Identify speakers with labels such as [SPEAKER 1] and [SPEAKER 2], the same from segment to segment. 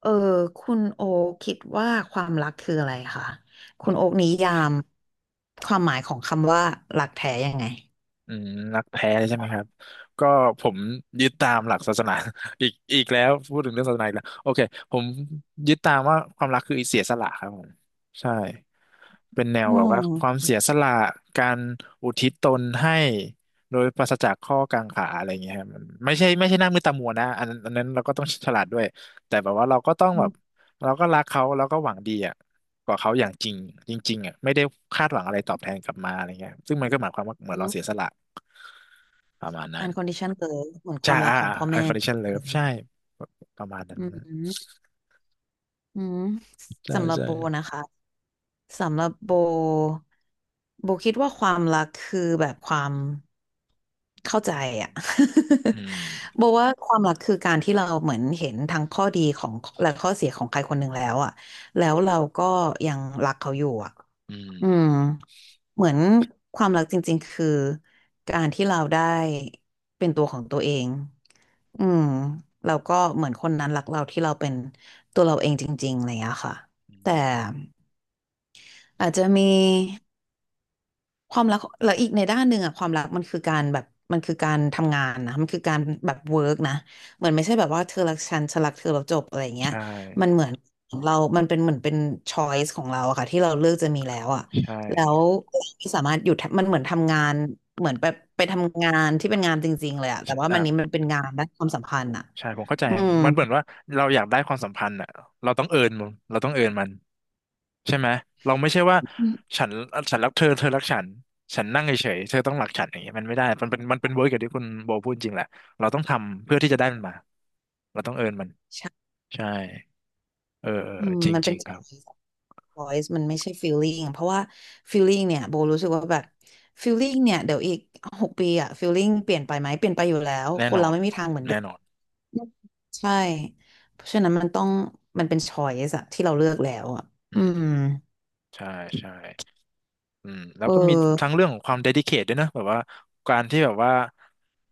[SPEAKER 1] เออคุณโอคคิดว่าความรักคืออะไรคะคุณโอคนิยามความหมายของคำว่ารักแท้ยังไง
[SPEAKER 2] อืมนักแท้ใช่ไหมครับก็ผมยึดตามหลักศาสนา อีกแล้วพูดถึงเรื่องศาสนาอีกแล้วโอเคผมยึดตามว่าความรักคือเสียสละครับผมใช่เป็นแนว
[SPEAKER 1] อื
[SPEAKER 2] แบบว่าความ
[SPEAKER 1] ม
[SPEAKER 2] เสียสละการอุทิศตนให้โดยปราศจากข้อกังขาอะไรอย่างเงี้ยครับมันไม่ใช่ไม่ใช่หน้ามืดตามัวนะอันนั้นเราก็ต้องฉลาดด้วยแต่แบบว่าเราก็ต้อง
[SPEAKER 1] อื
[SPEAKER 2] แบบ
[SPEAKER 1] ม
[SPEAKER 2] เราก็รักเขาแล้วก็หวังดีอ่ะกว่าเขาอย่างจริงจริงๆอ่ะไม่ได้คาดหวังอะไรตอบแทนกลับมาอะไรเงี้ยซึ่งมันก็หมายความว่าเหมือ
[SPEAKER 1] อื
[SPEAKER 2] นเรา
[SPEAKER 1] ม
[SPEAKER 2] เสียสละ ประมาณนั้น
[SPEAKER 1] unconditional love เหมือนค
[SPEAKER 2] ใช่
[SPEAKER 1] วามรัก
[SPEAKER 2] อ่า
[SPEAKER 1] ของพ่อ
[SPEAKER 2] อัน
[SPEAKER 1] แม่
[SPEAKER 2] คอนดิชันเลิ
[SPEAKER 1] อื
[SPEAKER 2] ฟใช่
[SPEAKER 1] ม
[SPEAKER 2] ประมาณนั้
[SPEAKER 1] อื
[SPEAKER 2] นนะ
[SPEAKER 1] มอืม
[SPEAKER 2] ใช่
[SPEAKER 1] สำหรับ
[SPEAKER 2] ใช่
[SPEAKER 1] โบนะคะ สำหรับโบโบคิดว่าความรักคือแบบความเข้าใจอะ
[SPEAKER 2] อืม
[SPEAKER 1] โบว่าความรักคือการที่เราเหมือนเห็นทั้งข้อดีของและข้อเสียของใครคนหนึ่งแล้วอะแล้วเราก็ยังรักเขาอยู่อะ
[SPEAKER 2] อืม
[SPEAKER 1] อืมเหมือนความรักจริงๆคือการที่เราได้เป็นตัวของตัวเองอืมเราก็เหมือนคนนั้นรักเราที่เราเป็นตัวเราเองจริงๆอะไรอย่างเงี้ยค่ะ
[SPEAKER 2] อื
[SPEAKER 1] แต่
[SPEAKER 2] ม
[SPEAKER 1] อาจจะมี ความรักแล้วอีกในด้านหนึ่งอะความรักมันคือการแบบมันคือการทำงานนะมันคือการแบบเวิร์กนะเหมือนไม่ใช่แบบว่าเธอรักฉันฉันรักเธอแล้วจบอะไรอย่างเงี้ย
[SPEAKER 2] ใช่
[SPEAKER 1] มันเหมือนเรามันเป็นเหมือนเป็นช้อยสของเราอะค่ะที่เราเลือกจะมีแล้วอะ
[SPEAKER 2] ใช่
[SPEAKER 1] แล้วเราสามารถหยุดมันเหมือนทำงานเหมือนไปทำงานที่เป็นงานจริงๆเลยอะแต่
[SPEAKER 2] ใช่
[SPEAKER 1] ว่า
[SPEAKER 2] อ่า
[SPEAKER 1] มันนี้มันเป็นงานด้านความสัมพันธ์อะ
[SPEAKER 2] ใช่ผมเข้าใจ
[SPEAKER 1] อืม
[SPEAKER 2] มันเหมือนว่าเราอยากได้ความสัมพันธ์อ่ะเราต้องเอิร์นมันเราต้องเอิร์นมันใช่ไหมเราไม่ใช่ว่าฉันฉันรักเธอเธอรักฉันฉันนั่งเฉยๆเธอต้องรักฉันอย่างเงี้ยมันไม่ได้มันเป็นเวิร์กอย่างที่คุณโบพูดจริงแหละเราต้องทำเพื่อที่จะได้มันมาเราต้องเอิร์นมัน
[SPEAKER 1] ใช่
[SPEAKER 2] ใช่เออเออ
[SPEAKER 1] อื
[SPEAKER 2] เออ
[SPEAKER 1] ม
[SPEAKER 2] จริง
[SPEAKER 1] มัน
[SPEAKER 2] จ
[SPEAKER 1] เป็
[SPEAKER 2] ริ
[SPEAKER 1] น
[SPEAKER 2] งครับ
[SPEAKER 1] choice voice มันไม่ใช่ feeling เพราะว่า feeling เนี่ยโบรู้สึกว่าแบบ feeling เนี่ยเดี๋ยวอีก6 ปีอะ feeling เปลี่ยนไปไหมเปลี่ยนไปอยู่แล้ว
[SPEAKER 2] แน่
[SPEAKER 1] ค
[SPEAKER 2] น
[SPEAKER 1] น
[SPEAKER 2] อ
[SPEAKER 1] เรา
[SPEAKER 2] น
[SPEAKER 1] ไม่มีทางเหมือนเดิ
[SPEAKER 2] แน่
[SPEAKER 1] ม
[SPEAKER 2] นอน
[SPEAKER 1] ใช่เพราะฉะนั้นมันต้องมันเป็น choice อะที่เราเลือกแล้วอะอื
[SPEAKER 2] อืม
[SPEAKER 1] ม
[SPEAKER 2] ใช่ ใช่อืมแล้ว
[SPEAKER 1] เอ
[SPEAKER 2] ก็มี
[SPEAKER 1] อ
[SPEAKER 2] ทั้งเรื่องของความ dedicate ด้วยนะแบบว่าการที่แบบว่า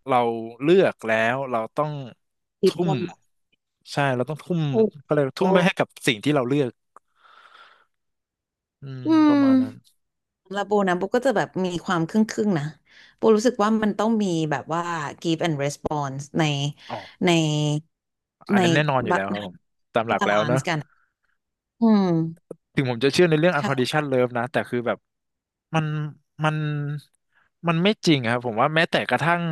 [SPEAKER 2] เราเลือกแล้วเราต้อง
[SPEAKER 1] อีก
[SPEAKER 2] ทุ่
[SPEAKER 1] ค
[SPEAKER 2] ม
[SPEAKER 1] นแบบ
[SPEAKER 2] ใช่ เราต้องทุ่ม
[SPEAKER 1] โอ้
[SPEAKER 2] ก็เลยกว่า
[SPEAKER 1] โห
[SPEAKER 2] ทุ่มไปให้กับสิ่งที่เราเลือกอืม
[SPEAKER 1] อื
[SPEAKER 2] ประ
[SPEAKER 1] ม
[SPEAKER 2] มาณนั้น
[SPEAKER 1] แล้วโบนะโบก็จะแบบมีความครึ่งครึ่งนะโบรู้สึกว่ามันต้องมีแบบว่า give and response
[SPEAKER 2] อ๋อ
[SPEAKER 1] ใน
[SPEAKER 2] อัน
[SPEAKER 1] ใน
[SPEAKER 2] นั้นแน่นอนอยู่แล้วครับผมตามห
[SPEAKER 1] ให้
[SPEAKER 2] ลัก
[SPEAKER 1] บา
[SPEAKER 2] แล้ว
[SPEAKER 1] ลา
[SPEAKER 2] เน
[SPEAKER 1] น
[SPEAKER 2] อะ
[SPEAKER 1] ซ์กันอืม
[SPEAKER 2] ถึงผมจะเชื่อในเรื่อง
[SPEAKER 1] ใช่
[SPEAKER 2] unconditional love นะแต่คือแบบมันมันมันไม่จริงอะครับผมว่าแม้แต่กระทั่ง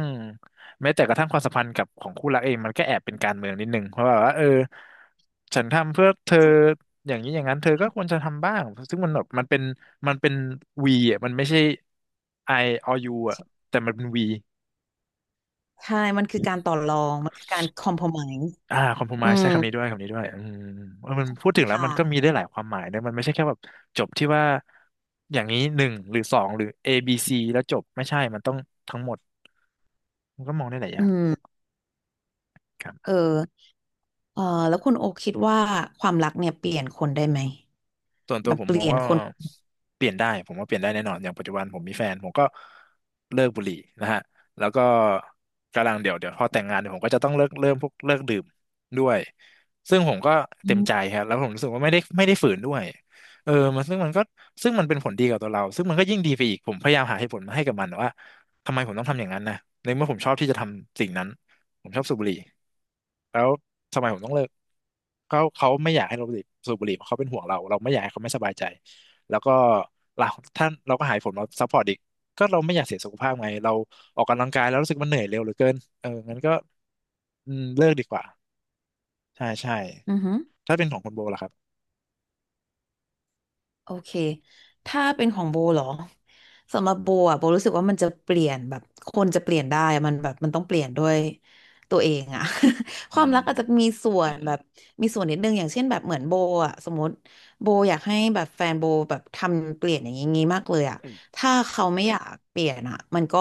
[SPEAKER 2] แม้แต่กระทั่งความสัมพันธ์กับของคู่รักเองมันก็แอบเป็นการเมืองนิดนึงเพราะแบบว่าเออฉันทำเพื่อเธออย่างนี้อย่างนั้นเธอก็ควรจะทำบ้างซึ่งมันแบบมันเป็นวีอ่ะมันไม่ใช่ I or you อ่ะแต่มันเป็นวี
[SPEAKER 1] ใช่ มันคือการต่อรอง มันคือการคอม p r o m ม s e
[SPEAKER 2] อ่าคอมโพม
[SPEAKER 1] อื
[SPEAKER 2] i ์ใช้
[SPEAKER 1] ม
[SPEAKER 2] คำนี้ด้วยคำนี้ด้วยอืมเออมันพูดถึงแล้วมันก็มี
[SPEAKER 1] ค่ะ
[SPEAKER 2] ได้หลายความหมายนะมันไม่ใช่แค่แบบจบที่ว่าอย่างนี้หนึ่งหรือสองหรือ ABC แล้วจบไม่ใช่มันต้องทั้งหมดมันก็มองได้หลายอ
[SPEAKER 1] อื
[SPEAKER 2] ย่าง
[SPEAKER 1] มเออเออแล้วคุณโอคิดว่าความรักเนี่ยเปลี่ยนคนได้ไหม
[SPEAKER 2] ส่วนตั
[SPEAKER 1] แบ
[SPEAKER 2] ว
[SPEAKER 1] บ
[SPEAKER 2] ผม
[SPEAKER 1] เป
[SPEAKER 2] มอ
[SPEAKER 1] ลี่
[SPEAKER 2] ง
[SPEAKER 1] ยน
[SPEAKER 2] ว่า
[SPEAKER 1] คน
[SPEAKER 2] เปลี่ยนได้ผมว่าเปลี่ยนได้แน่นอนอย่างปัจจุบันผมมีแฟนผมก็เลิกบุหรี่นะฮะแล้วก็กำลังเดี๋ยวเดี๋ยวพอแต่งงานเดี๋ยวผมก็จะต้องเลิกเริ่มพวกเลิกดื่มด้วยซึ่งผมก็
[SPEAKER 1] อื
[SPEAKER 2] เต็ม
[SPEAKER 1] ม
[SPEAKER 2] ใจครับแล้วผมรู้สึกว่าไม่ได้ฝืนด้วยเออมันซึ่งมันเป็นผลดีกับตัวเราซึ่งมันก็ยิ่งดีไปอีกผมพยายามหาเหตุผลมาให้กับมันว่าทำไมผมต้องทำอย่างนั้นนะในเมื่อผมชอบที่จะทำสิ่งนั้นผมชอบสูบบุหรี่แล้ว ทำไมผมต้องเลิกเขาไม่อยากให้เราสูบบุหรี่เพราะเขาเป็นห่วงเราเราไม่อยากให้เขาไม่สบายใจแล้วก็เราท่านเราก็หายผมเราซัพพอร์ตอีกก็เราไม่อยากเสียสุขภาพไงเราออกกำลังกายแล้วรู้สึกมันเหนื่อยเร็วเหลือเกินเอองั้นก็อืมเลิกดีกว่าใช่ใช่
[SPEAKER 1] อือฮึ
[SPEAKER 2] ถ้าเป็นของคุณโบล่ะครับ
[SPEAKER 1] โอเค ถ้าเป็นของโบเหรอสำหรับโบอ่ะโบรู้สึกว่ามันจะเปลี่ยนแบบคนจะเปลี่ยนได้อะมันแบบมันต้องเปลี่ยนด้วยตัวเองอะ ค
[SPEAKER 2] อื
[SPEAKER 1] วาม
[SPEAKER 2] ม
[SPEAKER 1] รักอาจจะมีส่วนแบบมีส่วนนิดนึงอย่างเช่นแบบเหมือนโบอะสมมติโบอยากให้แบบแฟนโบแบบทำเปลี่ยนอย่างงี้มากเลยอะถ้าเขาไม่อยากเปลี่ยนอะมันก็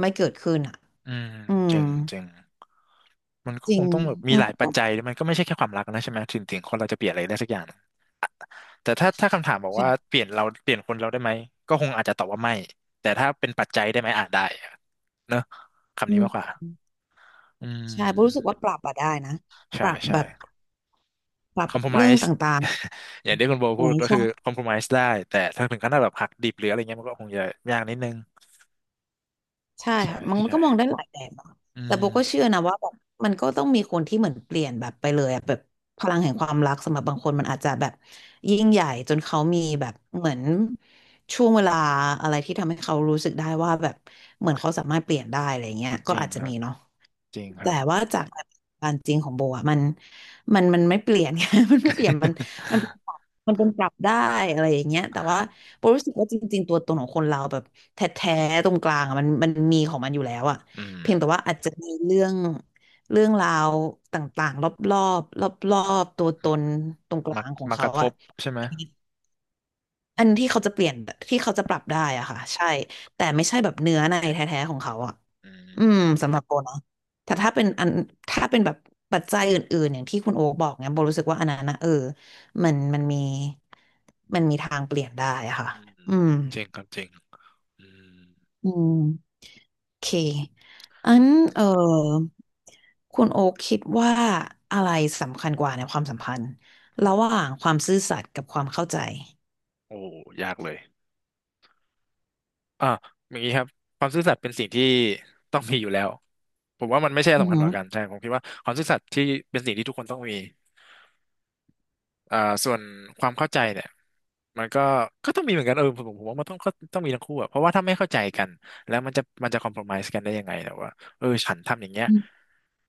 [SPEAKER 1] ไม่เกิดขึ้นอะ
[SPEAKER 2] อืม
[SPEAKER 1] อืม
[SPEAKER 2] จริงจริงมันก็
[SPEAKER 1] จริ
[SPEAKER 2] ค
[SPEAKER 1] ง
[SPEAKER 2] งต้องแบบมี
[SPEAKER 1] อื
[SPEAKER 2] ห
[SPEAKER 1] ม
[SPEAKER 2] ลายปัจจัยมันก็ไม่ใช่แค่ความรักนะใช่ไหมถึงคนเราจะเปลี่ยนอะไรได้สักอย่าง แต่ถ้าคำถามบอกว่า
[SPEAKER 1] ใช่
[SPEAKER 2] เปลี่ยนเราเปลี่ยนคนเราได้ไหมก็คงอาจจะตอบว่าไม่แต่ถ้าเป็นปัจจัยได้ไหมอาจได้อะเนอะคำ
[SPEAKER 1] อื
[SPEAKER 2] นี้
[SPEAKER 1] ม
[SPEAKER 2] มากกว่าอื
[SPEAKER 1] ใช่โบรู้สึก
[SPEAKER 2] ม
[SPEAKER 1] ว่าปรับอะได้นะป
[SPEAKER 2] ใช่
[SPEAKER 1] รับ
[SPEAKER 2] ใช่
[SPEAKER 1] แบบปรั
[SPEAKER 2] ค
[SPEAKER 1] บ
[SPEAKER 2] อม p r o m i
[SPEAKER 1] เรื่อง
[SPEAKER 2] s e
[SPEAKER 1] ต่าง
[SPEAKER 2] อย่างที่คุณโบ
[SPEAKER 1] ไหม
[SPEAKER 2] พูดก็
[SPEAKER 1] ใช่
[SPEAKER 2] คือคอม p r o m i s e ได้แต่ถ้าถึงขั้นแบบหักดิบหรืออะไรเงี้ยมันก็คงจะยากนิดนึง
[SPEAKER 1] ใช่
[SPEAKER 2] ใช่
[SPEAKER 1] ค่ะมัน
[SPEAKER 2] ใช่
[SPEAKER 1] ก็มองได้หลายแบบอะ
[SPEAKER 2] อื
[SPEAKER 1] แต่โบ
[SPEAKER 2] ม
[SPEAKER 1] ก็เชื่อนะว่าแบบมันก็ต้องมีคนที่เหมือนเปลี่ยนแบบไปเลยอะแบบพลังแห่งความรักสำหรับบางคนมันอาจจะแบบยิ่งใหญ่จนเขามีแบบเหมือนช่วงเวลาอะไรที่ทำให้เขารู้สึกได้ว่าแบบเหมือนเขาสามารถเปลี่ยนได้อะไรเงี้ย
[SPEAKER 2] จ
[SPEAKER 1] ก็
[SPEAKER 2] ริง
[SPEAKER 1] อาจจะ
[SPEAKER 2] ครั
[SPEAKER 1] มี
[SPEAKER 2] บ
[SPEAKER 1] เนาะ
[SPEAKER 2] จริงครั
[SPEAKER 1] แต่
[SPEAKER 2] บ
[SPEAKER 1] ว่าจากการจริงของโบอ่ะมันไม่เปลี่ยน มันไม่เปลี่ยนมันมันเป็นปรับมันเป็นปรับได้อะไรอย่างเงี้ยแต่ว่าโบรู้สึกว่าจริงๆตัวตนของคนเราแบบแท้ๆตรงกลางอ่ะมันมีของมันอยู่แล้วอ่ะ
[SPEAKER 2] อืม
[SPEAKER 1] เพียงแต่ว่าอาจจะมีเรื่องเรื่องราวต่างๆรอบๆรอบๆตัวตนตรงกลา
[SPEAKER 2] มา
[SPEAKER 1] งของ
[SPEAKER 2] มาก
[SPEAKER 1] เขา
[SPEAKER 2] ระท
[SPEAKER 1] อ่ะ
[SPEAKER 2] บใช่ไหม
[SPEAKER 1] อันที่เขาจะเปลี่ยนที่เขาจะปรับได้อะค่ะใช่แต่ไม่ใช่แบบเนื้อในแท้ๆของเขาอะ
[SPEAKER 2] อื
[SPEAKER 1] อืม
[SPEAKER 2] ม
[SPEAKER 1] สำหรับโบนะแต่ถ้าเป็นอันถ้าเป็นแบบปัจจัยอื่นๆอย่างที่คุณโอ๊คบอกเนี่ยโบรู้สึกว่าอันนั้นนะเออมันมีมันมีทางเปลี่ยนได้อะค่ะ
[SPEAKER 2] อืม
[SPEAKER 1] อืม
[SPEAKER 2] จริงครับจริงอืม
[SPEAKER 1] อืมโอเคอันเออคุณโอ๊คคิดว่าอะไรสำคัญกว่าในความสัมพันธ์ระหว่างความซื่อสัตย์กับความเข้าใจ
[SPEAKER 2] โอ้ยากเลย อ่าอย่างนี้ครับความซื่อสัตย์เป็นสิ่งที่ต้องมีอยู่แล้วผมว่ามันไม่ใช่
[SPEAKER 1] อือ
[SPEAKER 2] สำคัญ
[SPEAKER 1] หื
[SPEAKER 2] ก
[SPEAKER 1] อ
[SPEAKER 2] ว่ากันใช่ผมคิดว่าความซื่อสัตย์ที่เป็นสิ่งที่ทุกคนต้องมี อ่าส่วนความเข้าใจเนี่ยมันก็ต้องมีเหมือนกันเออผมว่ามันต้องมีทั้งคู่อะเพราะว่าถ้าไม่เข้าใจกันแล้วมันจะคอมโพรไมซ์กันได้ยังไงแต่ว่าเออฉันทำอย่างเงี้ย
[SPEAKER 1] อืม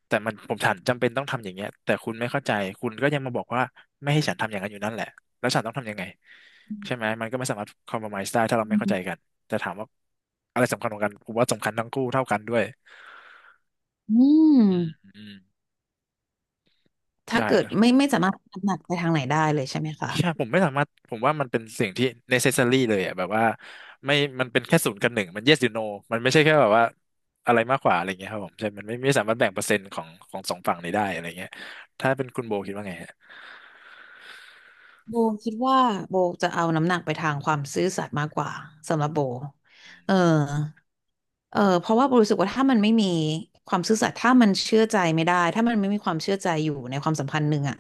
[SPEAKER 2] แต่มันผมฉันจำเป็นต้องทำอย่างเงี้ยแต่คุณไม่เข้าใจคุณก็ยังมาบอกว่าไม่ให้ฉันทำอย่างนั้นอยู่นั่นแหละแล้วฉันต้องทำยังไงใช่ไหมมันก็ไม่สามารถคอมโพรไมซ์ได้ถ้าเราไม่เข้าใจกันแต่ถามว่าอะไรสำคัญกว่ากันผมว่าสำคัญทั้งคู่เท่ากันด้วย
[SPEAKER 1] อืม
[SPEAKER 2] อืมอืม
[SPEAKER 1] ถ้า
[SPEAKER 2] ใช่
[SPEAKER 1] เกิดไม่ไม่สามารถน้ำหนักไปทางไหนได้เลยใช่ไหมคะ
[SPEAKER 2] ใช่ผมไม่สามารถผมว่ามันเป็นสิ่งที่ necessary เลยอ่ะแบบว่าไม่มันเป็นแค่ศูนย์กับหนึ่งมัน yes มันไม่ใช่แค่แบบว่าอะไรมากกว่าอะไรเงี้ยครับผมใช่มันไม่สามารถแบ่งเปอร์เซ็นต์ของสองฝั่งนี้ได้อะไรเงี้ยถ้าเป็นคุณโบคิดว่าไงฮะ
[SPEAKER 1] โบคิดว่าโบจะเอาน้ำหนักไปทางความซื่อสัตย์มากกว่าสำหรับโบเออเออเพราะว่าโบรู้สึกว่าถ้ามันไม่มีความซื่อสัตย์ถ้ามันเชื่อใจไม่ได้ถ้ามันไม่มีความเชื่อใจอยู่ในความสัมพันธ์หนึ่งอะ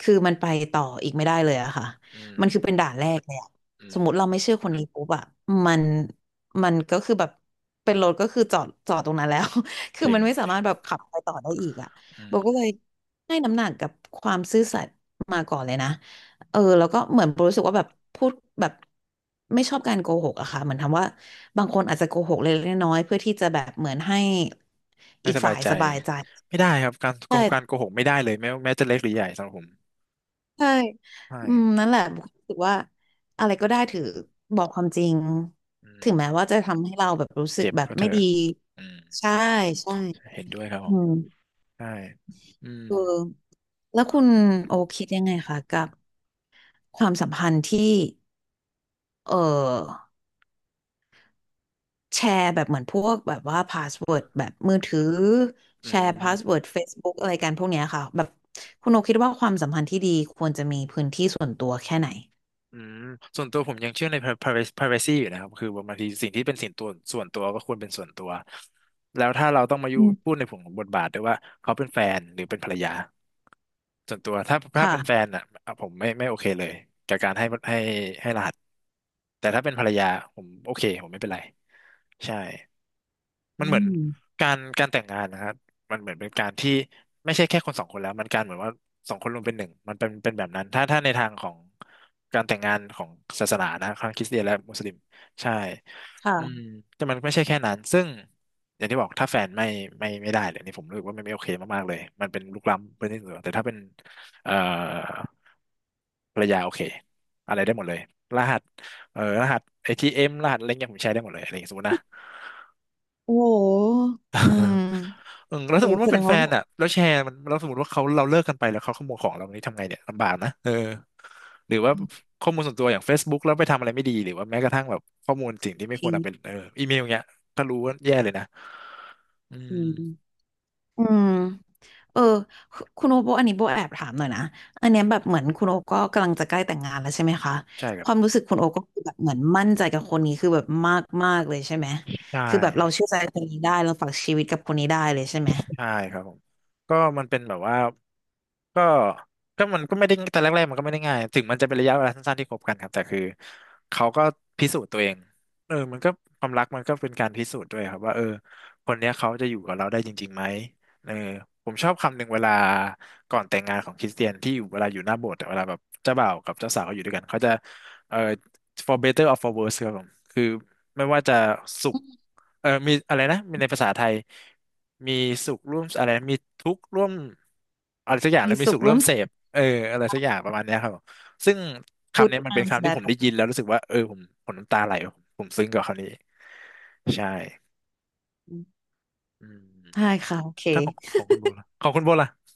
[SPEAKER 1] คือมันไปต่ออีกไม่ได้เลยอะค่ะ
[SPEAKER 2] อืม
[SPEAKER 1] มันคือเป็นด่านแรกเลยอะ
[SPEAKER 2] อื
[SPEAKER 1] ส
[SPEAKER 2] ม
[SPEAKER 1] มมติเราไม่เชื่อคนนี้ปุ๊บอะมันมันก็คือแบบเป็นรถก็คือจอดตรงนั้นแล้ว คื
[SPEAKER 2] จ
[SPEAKER 1] อ
[SPEAKER 2] ริ
[SPEAKER 1] มั
[SPEAKER 2] ง
[SPEAKER 1] นไม่สา
[SPEAKER 2] จริ
[SPEAKER 1] มา
[SPEAKER 2] ง
[SPEAKER 1] รถแบบขับไปต่อได้อีกอะ
[SPEAKER 2] อื
[SPEAKER 1] โบ
[SPEAKER 2] ม
[SPEAKER 1] ก็เลยให้น้ำหนักกับความซื่อสัตย์มาก่อนเลยนะ แล้วก็เหมือนรู้สึกว่าแบบพูดแบบไม่ชอบการโกหกอะค่ะเหมือนทำว่าบางคนอาจจะโกหกเล็กๆน้อยๆเพื่อที่จะแบบเหมือนให้
[SPEAKER 2] ไม่
[SPEAKER 1] อีก
[SPEAKER 2] สบา
[SPEAKER 1] ฝ่า
[SPEAKER 2] ย
[SPEAKER 1] ย
[SPEAKER 2] ใจ
[SPEAKER 1] สบายใจ
[SPEAKER 2] ไม่ได้ครับการโก
[SPEAKER 1] ใช่
[SPEAKER 2] หกไม่ได้เลยแม้จะเล็กหรือใหญ่สำหรับผม
[SPEAKER 1] ใช่
[SPEAKER 2] ใช่
[SPEAKER 1] อืมนั่นแหละบุครู้สึกว่าอะไรก็ได้ถือบอกความจริง
[SPEAKER 2] อืม
[SPEAKER 1] ถึงแม้ว่าจะทำให้เราแบบรู้สึก
[SPEAKER 2] เจ็บ
[SPEAKER 1] แบบ
[SPEAKER 2] ก็เถ
[SPEAKER 1] ไม่
[SPEAKER 2] อะ
[SPEAKER 1] ดี
[SPEAKER 2] อืม
[SPEAKER 1] ใช่ใช่
[SPEAKER 2] เห็นด้วยครับผ
[SPEAKER 1] อื
[SPEAKER 2] ม
[SPEAKER 1] ม
[SPEAKER 2] ใช่อืม
[SPEAKER 1] เออแล้วคุณโอคิดยังไงคะกับความสัมพันธ์ที่เออ แชร์แบบเหมือนพวกแบบว่าพาสเวิร์ดแบบมือถือ
[SPEAKER 2] อื
[SPEAKER 1] แชร์พาส
[SPEAKER 2] ม
[SPEAKER 1] เวิร์ด Facebook อะไรกันพวกเนี้ยค่ะแบบคุณโอคิดว่าความสัมพันธ์ที่ดีควรจะมีพื้นที่ส่วนตัวแค่ไหน
[SPEAKER 2] อืมส่วนตัวผมยังเชื่อใน privacy อยู่นะครับคือแบบบางทีสิ่งที่เป็นสิ่งตัวส่วนตัวก็ควรเป็นส่วนตัว แล้วถ้าเราต้องมาอยู่
[SPEAKER 1] อื
[SPEAKER 2] พู
[SPEAKER 1] ม
[SPEAKER 2] ดในผงของบทบาทด้วยว่าเขาเป็นแฟนหรือเป็นภรรยาส่วนตัวถ้าเป็นแฟ
[SPEAKER 1] ค่ะ
[SPEAKER 2] นอ่ะผมไม่โอเคเลยกับการให้รหัสแต่ถ้าเป็นภรรยาผมโอเคผมไม่เป็นไรใช่ มั
[SPEAKER 1] อื
[SPEAKER 2] นเหมือน
[SPEAKER 1] ม
[SPEAKER 2] การแต่งงานนะฮะมันเหมือนเป็นการที่ไม่ใช่แค่คนสองคนแล้วมันการเหมือนว่าสองคนรวมเป็นหนึ่งมันเป็นแบบนั้นถ้าในทางของการแต่งงานของศาสนานะทั้งคริสเตียนและมุสลิมใช่อืม
[SPEAKER 1] ค่ะ
[SPEAKER 2] แต่มันไม่ใช่แค่นั้นซึ่งอย่างที่บอกถ้าแฟนไม่ไม่ได้เลยนี่ผมรู้สึกว่ามันไม่โอเคมากๆเลยมันเป็นลุกล้ำเป็นที่เหนือแต่ถ้าเป็นเอ่อภรรยาโอเคอะไรได้หมดเลยรหัสรหัสเอทีเอ็มรหัสอะไรเงี้ยผมใช้ได้หมดเลยอะไรอย่างเงี้ยสมมตินะ
[SPEAKER 1] โอ้โหอืม
[SPEAKER 2] เออแล้วส
[SPEAKER 1] โอ้
[SPEAKER 2] มมติ
[SPEAKER 1] แส
[SPEAKER 2] ว่า
[SPEAKER 1] ด
[SPEAKER 2] เป็น
[SPEAKER 1] ง
[SPEAKER 2] แฟ
[SPEAKER 1] ว่า
[SPEAKER 2] น
[SPEAKER 1] แบบ
[SPEAKER 2] อ่ะแล้วแชร์มันแล้วสมมติว่าเราเลิกกันไปแล้วเขาขโมยของเรานี้ทำไงเนี่ยลำบากนะเออหรือว่าข้อมูลส่วนตัวอย่าง Facebook แล้วไปทำอะไรไม่ดีหรือว่าแม้กระทั่งแบบข้อมูลสิ่งที่ไม่
[SPEAKER 1] จ
[SPEAKER 2] ค
[SPEAKER 1] ริ
[SPEAKER 2] วร
[SPEAKER 1] ง
[SPEAKER 2] เอาเป็นเอออีเมลเงี้ยถ้ารู้ว่าแย่เลยนะอื
[SPEAKER 1] อืม
[SPEAKER 2] ม
[SPEAKER 1] อืม เออคุณโอโบอันนี้โบแอบถามหน่อยนะอันเนี้ยแบบเหมือนคุณโอก็กำลังจะใกล้แต่งงานแล้วใช่ไหมคะ
[SPEAKER 2] ใช่ค
[SPEAKER 1] ค
[SPEAKER 2] รับ
[SPEAKER 1] วามรู้สึกคุณโอก็คือแบบเหมือนมั่นใจกับคนนี้คือแบบมากมากเลยใช่ไหม
[SPEAKER 2] ใช่
[SPEAKER 1] คือแบบเราเชื่อใจคนนี้ได้เราฝากชีวิตกับคนนี้ได้เลยใช่ไหม
[SPEAKER 2] ใช่ครับผมก็มันเป็นแบบว่าก็มันก็ไม่ได้แต่แรกๆมันก็ไม่ได้ง่ายถึงมันจะเป็นระยะเวลาสั้นๆที่คบกันครับแต่คือเขาก็พิสูจน์ตัวเองเออมันก็ความรักมันก็เป็นการพิสูจน์ด้วยครับว่าเออคนเนี้ยเขาจะอยู่กับเราได้จริงๆไหมเออผมชอบคำหนึ่งเวลาก่อนแต่งงานของคริสเตียนที่อยู่เวลาอยู่หน้าโบสถ์อะเวลาแบบเจ้าบ่าวกับเจ้าสาวเขาอยู่ด้วยกันเขาจะเออ for better or for worse ครับผมคือไม่ว่าจะสุขเออมีอะไรนะมีในภาษาไทยมีสุขร่วมอะไรมีทุกข์ร่วมอะไรสักอย่าง
[SPEAKER 1] มี
[SPEAKER 2] แล้วมี
[SPEAKER 1] สุ
[SPEAKER 2] สุ
[SPEAKER 1] ข
[SPEAKER 2] ข
[SPEAKER 1] ร่
[SPEAKER 2] ร่
[SPEAKER 1] ว
[SPEAKER 2] วม
[SPEAKER 1] ม
[SPEAKER 2] เส
[SPEAKER 1] สุ
[SPEAKER 2] พ
[SPEAKER 1] ข
[SPEAKER 2] เอออะไรสักอย่างประมาณเนี้ยครับผมซึ่งคำ
[SPEAKER 1] good
[SPEAKER 2] นี้มันเป็น
[SPEAKER 1] times
[SPEAKER 2] คำ
[SPEAKER 1] b
[SPEAKER 2] ที่
[SPEAKER 1] a
[SPEAKER 2] ผ
[SPEAKER 1] t
[SPEAKER 2] มได้ยินแล้วรู้สึกว่าเออผมน้ำตาไหลผมซึ้งกับคำนี้ใช่อืม
[SPEAKER 1] ใช่ค่ะโอเค
[SPEAKER 2] ถ้าของคุณโบล่ะของคุณโบล่ะ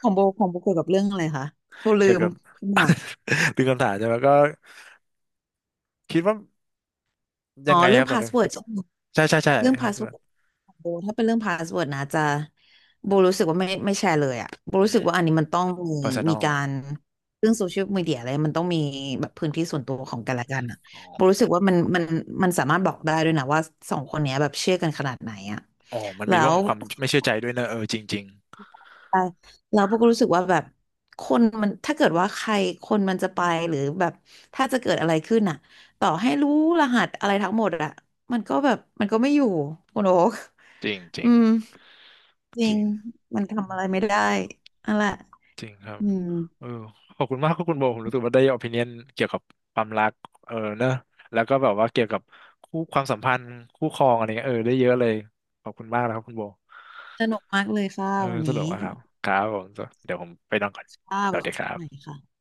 [SPEAKER 1] ของโบของโบเกี่ยวกับเรื่องอะไรคะโบ
[SPEAKER 2] เกี่
[SPEAKER 1] ลื
[SPEAKER 2] ยว
[SPEAKER 1] ม
[SPEAKER 2] กับ
[SPEAKER 1] ขึ้นมา
[SPEAKER 2] ดึงคำถามใช่ไหมก็คิดว่ายั
[SPEAKER 1] อ๋อ
[SPEAKER 2] งไง
[SPEAKER 1] เรื่
[SPEAKER 2] ค
[SPEAKER 1] อ
[SPEAKER 2] รั
[SPEAKER 1] ง
[SPEAKER 2] บตอ
[SPEAKER 1] พา
[SPEAKER 2] น
[SPEAKER 1] ส
[SPEAKER 2] นี้
[SPEAKER 1] เวิร์ด
[SPEAKER 2] ใช่ใช่ใช่
[SPEAKER 1] เรื่อง
[SPEAKER 2] ครั
[SPEAKER 1] พา
[SPEAKER 2] บ
[SPEAKER 1] ส
[SPEAKER 2] ส่
[SPEAKER 1] เวิร์
[SPEAKER 2] ว
[SPEAKER 1] ด
[SPEAKER 2] น
[SPEAKER 1] โบถ้าเป็นเรื่องพาสเวิร์ดนะจะโบรู้สึกว่าไม่แชร์เลยอะโบ
[SPEAKER 2] อื
[SPEAKER 1] รู้สึ
[SPEAKER 2] ม
[SPEAKER 1] กว่าอันนี้มันต้องมีมี
[SPEAKER 2] personal
[SPEAKER 1] การเรื่องโซเชียลมีเดียอะไรมันต้องมีแบบพื้นที่ส่วนตัวของกันและกันอะ
[SPEAKER 2] อ๋อ
[SPEAKER 1] โบรู้สึกว่ามันมันสามารถบอกได้ด้วยนะว่าสองคนเนี้ยแบบเชื่อกันขนาดไหนอะ
[SPEAKER 2] อ๋อมันมี
[SPEAKER 1] แล้
[SPEAKER 2] เรื่อง
[SPEAKER 1] ว
[SPEAKER 2] ของความไม่เชื่อใจด้วยนะเออจริงจริง
[SPEAKER 1] ใช่แล้วพวกก็รู้สึกว่าแบบคนมันถ้าเกิดว่าใครคนมันจะไปหรือแบบถ้าจะเกิดอะไรขึ้นอ่ะต่อให้รู้รหัสอะไรทั้งหมดอ่ะมันก็ไม่อยู่คุณโอ๊ค
[SPEAKER 2] จริงจ ริ
[SPEAKER 1] อื
[SPEAKER 2] ง
[SPEAKER 1] มจ
[SPEAKER 2] จ
[SPEAKER 1] ริง
[SPEAKER 2] ริง
[SPEAKER 1] มันทำอะไรไม่ได้นั่นแหละ
[SPEAKER 2] จริงครับ
[SPEAKER 1] อืม
[SPEAKER 2] เออขอบคุณมากครับคุณโบผมรู้สึกว่าได้ o อ i ิเน n เกี่ยวกับความรักเออเนอะแล้วก็แบบว่าเกี่ยวกับคู่ความสัมพันธ์คู่ครองอะไรเงี้ยเออได้เยอะเลยขอบคุณมากนะครับคุณโบ
[SPEAKER 1] สนุกมากเลยค่ะ
[SPEAKER 2] เออ
[SPEAKER 1] วัน
[SPEAKER 2] สนุก
[SPEAKER 1] นี้
[SPEAKER 2] มากครับครับผมเดี๋ยวผมไปนอนก่อน
[SPEAKER 1] ค่ะ
[SPEAKER 2] ส
[SPEAKER 1] ไว้
[SPEAKER 2] วัสดี
[SPEAKER 1] คุย
[SPEAKER 2] ครั
[SPEAKER 1] กันใหม่
[SPEAKER 2] บ
[SPEAKER 1] ค่ะ